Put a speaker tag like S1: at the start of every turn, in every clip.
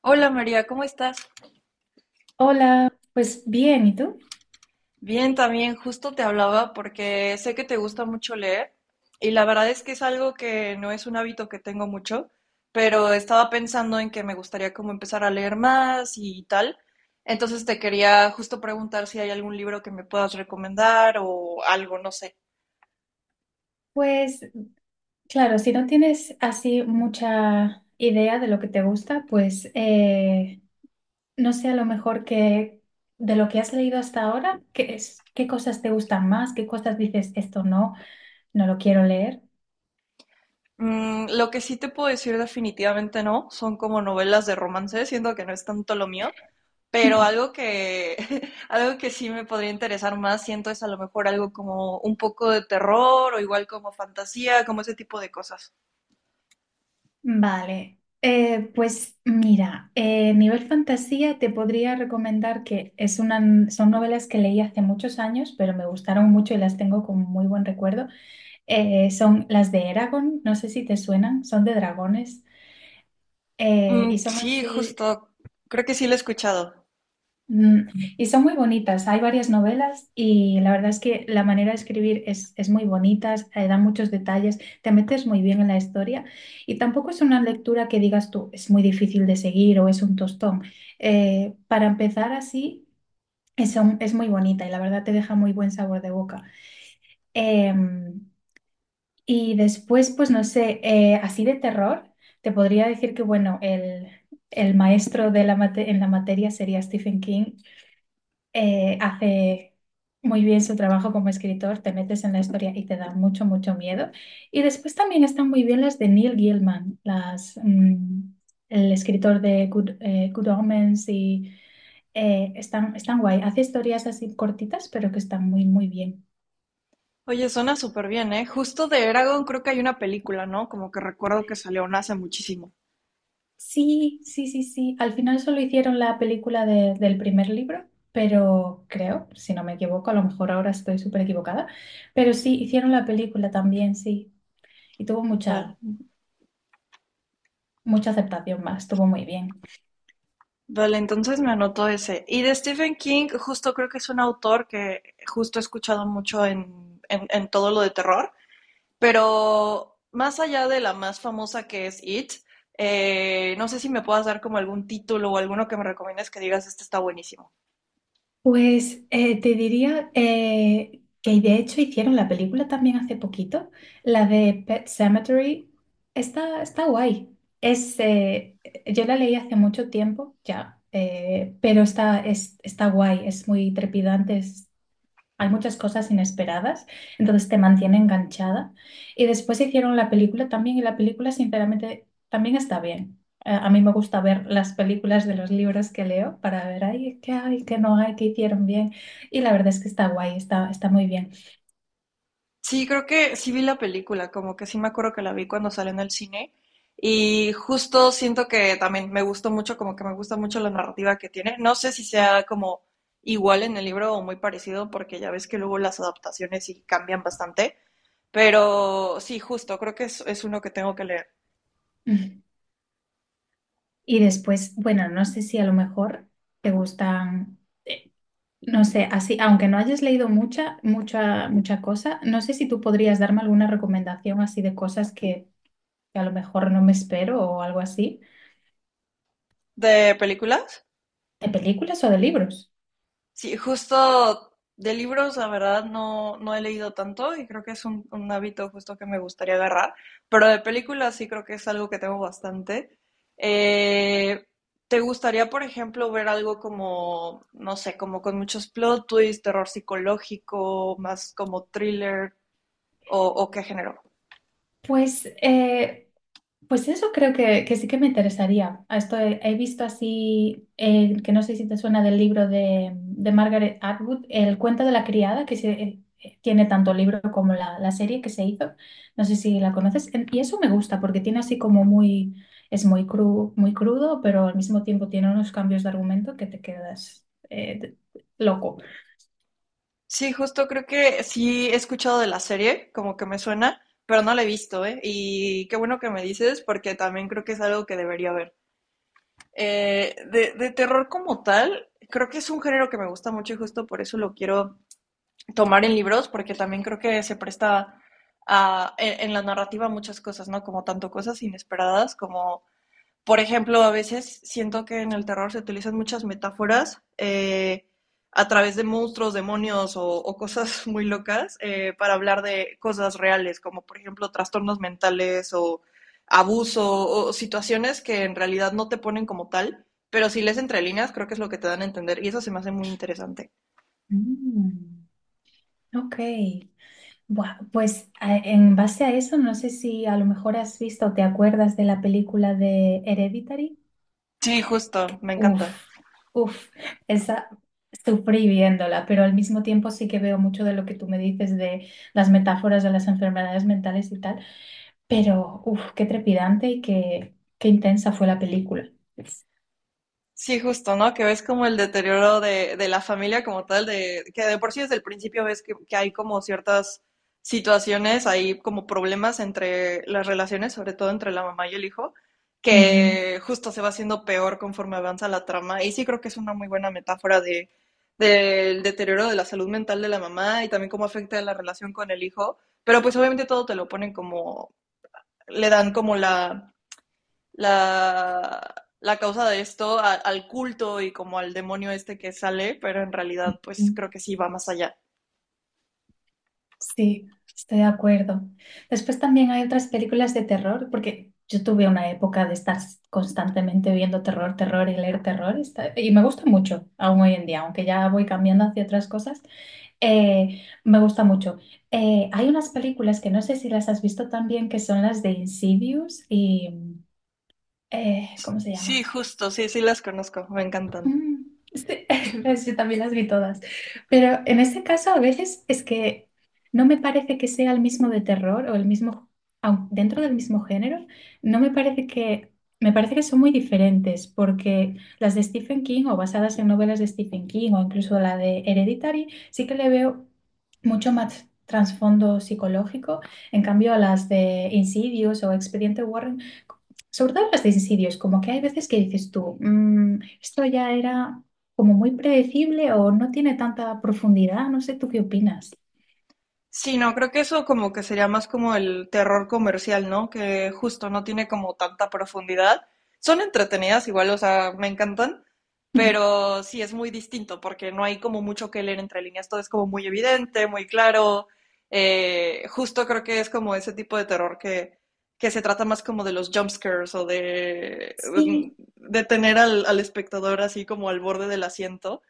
S1: Hola María, ¿cómo estás?
S2: Hola, pues bien, ¿y tú?
S1: Bien, también justo te hablaba porque sé que te gusta mucho leer y la verdad es que es algo que no es un hábito que tengo mucho, pero estaba pensando en que me gustaría como empezar a leer más y tal. Entonces te quería justo preguntar si hay algún libro que me puedas recomendar o algo, no sé.
S2: Pues claro, si no tienes así mucha idea de lo que te gusta, no sé, a lo mejor que de lo que has leído hasta ahora, ¿qué es, qué cosas te gustan más? ¿Qué cosas dices esto no lo quiero leer?
S1: Mm, lo que sí te puedo decir definitivamente no, son como novelas de romance, siento que no es tanto lo mío. Pero algo que, algo que sí me podría interesar más, siento, es a lo mejor algo como un poco de terror o igual como fantasía, como ese tipo de cosas.
S2: Vale, pues mira, nivel fantasía te podría recomendar que son novelas que leí hace muchos años, pero me gustaron mucho y las tengo con muy buen recuerdo. Son las de Eragon, no sé si te suenan, son de dragones y
S1: Mm,
S2: son
S1: sí,
S2: así,
S1: justo. Creo que sí lo he escuchado.
S2: mm, y son muy bonitas. Hay varias novelas y la verdad es que la manera de escribir es muy bonita, da muchos detalles, te metes muy bien en la historia, y tampoco es una lectura que digas tú, es muy difícil de seguir o es un tostón. Para empezar así, es muy bonita y la verdad te deja muy buen sabor de boca. Em, Y después, pues no sé, así de terror, te podría decir que, bueno, el maestro de en la materia sería Stephen King. Hace muy bien su trabajo como escritor, te metes en la historia y te da mucho, mucho miedo. Y después también están muy bien las de Neil Gaiman, el escritor de Good Omens y están, están guay. Hace historias así cortitas, pero que están muy, muy bien.
S1: Oye, suena súper bien, ¿eh? Justo de Eragon creo que hay una película, ¿no? Como que recuerdo que salió una hace muchísimo.
S2: Sí, sí, sí, sí. Al final solo hicieron la película del primer libro, pero creo, si no me equivoco, a lo mejor ahora estoy súper equivocada, pero sí, hicieron la película también, sí. Y tuvo
S1: Vale.
S2: mucha aceptación, más, estuvo muy bien.
S1: Vale, entonces me anotó ese. Y de Stephen King, justo creo que es un autor que justo he escuchado mucho en todo lo de terror. Pero más allá de la más famosa que es It, no sé si me puedas dar como algún título o alguno que me recomiendes que digas, este está buenísimo.
S2: Pues te diría que de hecho hicieron la película también hace poquito, la de Pet Cemetery. Está guay. Yo la leí hace mucho tiempo ya, pero está guay, es muy trepidante, hay muchas cosas inesperadas, entonces te mantiene enganchada. Y después hicieron la película también, y la película, sinceramente, también está bien. A mí me gusta ver las películas de los libros que leo para ver, ay, qué hay, qué no hay, qué hicieron bien. Y la verdad es que está guay, está muy bien.
S1: Sí, creo que sí vi la película, como que sí me acuerdo que la vi cuando salió en el cine y justo siento que también me gustó mucho, como que me gusta mucho la narrativa que tiene. No sé si sea como igual en el libro o muy parecido, porque ya ves que luego las adaptaciones sí cambian bastante, pero sí, justo, creo que es uno que tengo que leer.
S2: Y después, bueno, no sé si a lo mejor te gustan, eh, no sé, así, aunque no hayas leído mucha, mucha, mucha cosa, no sé si tú podrías darme alguna recomendación así de cosas que a lo mejor no me espero o algo así,
S1: ¿De películas?
S2: de películas o de libros.
S1: Sí, justo de libros, la verdad, no, no he leído tanto y creo que es un hábito justo que me gustaría agarrar, pero de películas sí creo que es algo que tengo bastante. Eh, ¿Te gustaría, por ejemplo, ver algo como, no sé, como con muchos plot twists, terror psicológico, más como thriller o qué género?
S2: Pues, eh, pues eso creo que sí que me interesaría. A esto he visto así, que no sé si te suena del libro de Margaret Atwood, El cuento de la criada. Que se, tiene tanto el libro como la serie que se hizo. No sé si la conoces. Y eso me gusta porque tiene así como muy, es muy crudo, pero al mismo tiempo tiene unos cambios de argumento que te quedas loco.
S1: Sí, justo creo que sí he escuchado de la serie, como que me suena, pero no la he visto, ¿eh? Y qué bueno que me dices porque también creo que es algo que debería ver. De terror como tal, creo que es un género que me gusta mucho y justo por eso lo quiero tomar en libros, porque también creo que se presta a- en la narrativa muchas cosas, ¿no? Como tanto cosas inesperadas como por ejemplo, a veces siento que en el terror se utilizan muchas metáforas a través de monstruos, demonios o cosas muy locas para hablar de cosas reales, como por ejemplo trastornos mentales o abuso o situaciones que en realidad no te ponen como tal, pero si lees entre líneas creo que es lo que te dan a entender y eso se me hace muy interesante.
S2: Mm, ok. Buah, pues en base a eso, no sé si a lo mejor has visto o te acuerdas de la película de Hereditary.
S1: Sí, justo, me encanta.
S2: Uf, uf, Esa sufrí viéndola, pero al mismo tiempo sí que veo mucho de lo que tú me dices de las metáforas de las enfermedades mentales y tal, pero uf, qué trepidante y qué intensa fue la película.
S1: Sí, justo, ¿no? Que ves como el deterioro de la familia como tal, de que de por sí desde el principio ves que hay como ciertas situaciones, hay como problemas entre las relaciones, sobre todo entre la mamá y el hijo,
S2: Ujú.
S1: que justo se va haciendo peor conforme avanza la trama. Y sí creo que es una muy buena metáfora de, del deterioro de la salud mental de la mamá y también cómo afecta la relación con el hijo. Pero pues obviamente todo te lo ponen como, le dan como la, la causa de esto a- al culto y como al demonio este que sale, pero en realidad pues creo que sí va más allá.
S2: Sí, estoy de acuerdo. Después también hay otras películas de terror, porque yo tuve una época de estar constantemente viendo terror, terror, y leer terror, y me gusta mucho aún hoy en día, aunque ya voy cambiando hacia otras cosas, me gusta mucho. Hay unas películas que no sé si las has visto también, que son las de Insidious y... ¿cómo se
S1: Sí,
S2: llama?
S1: justo, sí, sí las conozco, me encantan.
S2: Mm, Sí, pues yo también las vi todas. Pero en ese caso, a veces es que no me parece que sea el mismo de terror o el mismo, aun dentro del mismo género, no me parece me parece que son muy diferentes, porque las de Stephen King o basadas en novelas de Stephen King o incluso la de Hereditary, sí que le veo mucho más trasfondo psicológico. En cambio, a las de Insidious o Expediente Warren, sobre todo en los de suicidios, como que hay veces que dices tú, "Mm, esto ya era como muy predecible o no tiene tanta profundidad". No sé, ¿tú qué opinas?
S1: Sí, no, creo que eso como que sería más como el terror comercial, ¿no? Que justo no tiene como tanta profundidad. Son entretenidas igual, o sea, me encantan, pero sí es muy distinto porque no hay como mucho que leer entre líneas, todo es como muy evidente, muy claro. Justo creo que es como ese tipo de terror que se trata más como de los jump scares o
S2: Sí,
S1: de tener al, al espectador así como al borde del asiento,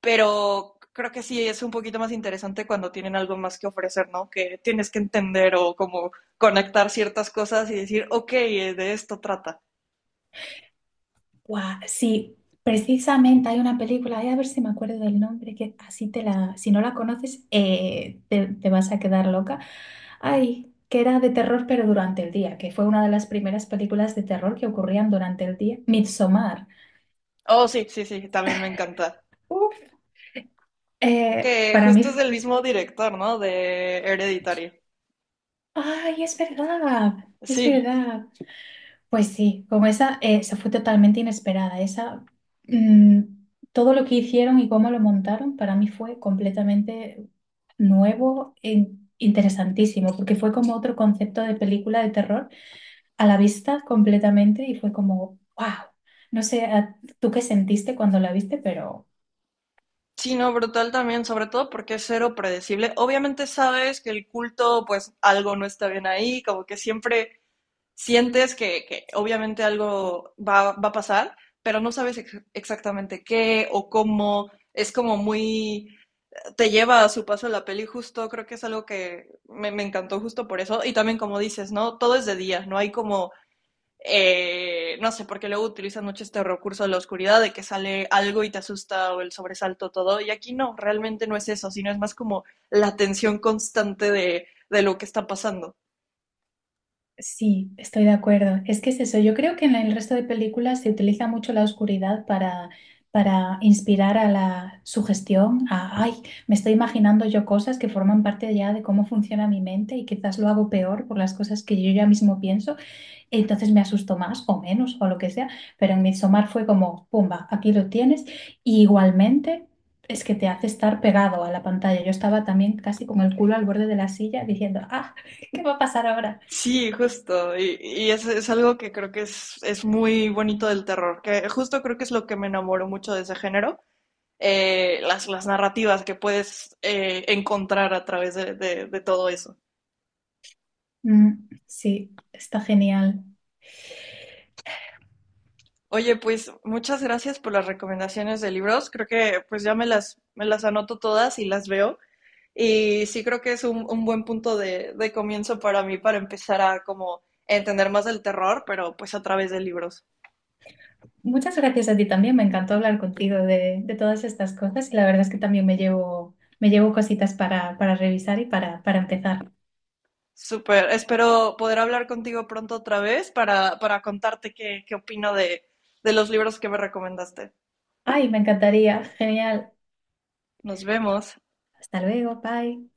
S1: pero creo que sí es un poquito más interesante cuando tienen algo más que ofrecer, ¿no? Que tienes que entender o como conectar ciertas cosas y decir, ok, de esto trata.
S2: guau, sí, precisamente hay una película, ay, a ver si me acuerdo del nombre, que así te la, si no la conoces, te vas a quedar loca. Ay, que era de terror pero durante el día, que fue una de las primeras películas de terror que ocurrían durante el día, Midsommar.
S1: Oh, sí, sí, sí, también me encanta.
S2: Uf,
S1: Que
S2: para mí...
S1: justo es del mismo director, ¿no? De Hereditario.
S2: Ay, es verdad, es
S1: Sí,
S2: verdad. Pues sí, como esa, esa fue totalmente inesperada. Mm, Todo lo que hicieron y cómo lo montaron para mí fue completamente nuevo e interesantísimo, porque fue como otro concepto de película de terror a la vista completamente y fue como, wow. No sé, tú qué sentiste cuando la viste, pero...
S1: sí, no, brutal también, sobre todo porque es cero predecible. Obviamente sabes que el culto, pues algo no está bien ahí, como que siempre sientes que obviamente algo va, va, a pasar, pero no sabes ex exactamente qué o cómo. Es como muy, te lleva a su paso la peli justo, creo que es algo que me encantó justo por eso. Y también como dices, ¿no? Todo es de día, no hay como no sé, porque luego utilizan mucho este recurso de la oscuridad, de que sale algo y te asusta o el sobresalto, todo. Y aquí no, realmente no es eso, sino es más como la tensión constante de lo que está pasando.
S2: Sí, estoy de acuerdo. Es que es eso. Yo creo que en el resto de películas se utiliza mucho la oscuridad para inspirar a la sugestión, a, ay, me estoy imaginando yo cosas que forman parte ya de cómo funciona mi mente y quizás lo hago peor por las cosas que yo ya mismo pienso, entonces me asusto más o menos o lo que sea, pero en Midsommar fue como, pumba, aquí lo tienes. Y igualmente... Es que te hace estar pegado a la pantalla. Yo estaba también casi con el culo al borde de la silla diciendo, ah, ¿qué va a pasar ahora?
S1: Sí, justo. Y es algo que creo que es muy bonito del terror, que justo creo que es lo que me enamoró mucho de ese género, las narrativas que puedes encontrar a través de todo eso.
S2: Mm, sí, está genial.
S1: Oye, pues muchas gracias por las recomendaciones de libros. Creo que pues ya me las anoto todas y las veo. Y sí creo que es un buen punto de comienzo para mí para empezar a como entender más del terror, pero pues a través de libros.
S2: Muchas gracias a ti también. Me encantó hablar contigo de todas estas cosas y la verdad es que también me llevo cositas para revisar y para empezar.
S1: Súper, espero poder hablar contigo pronto otra vez para contarte qué, qué opino de los libros que me recomendaste.
S2: Ay, me encantaría. Genial.
S1: Nos vemos.
S2: Hasta luego. Bye.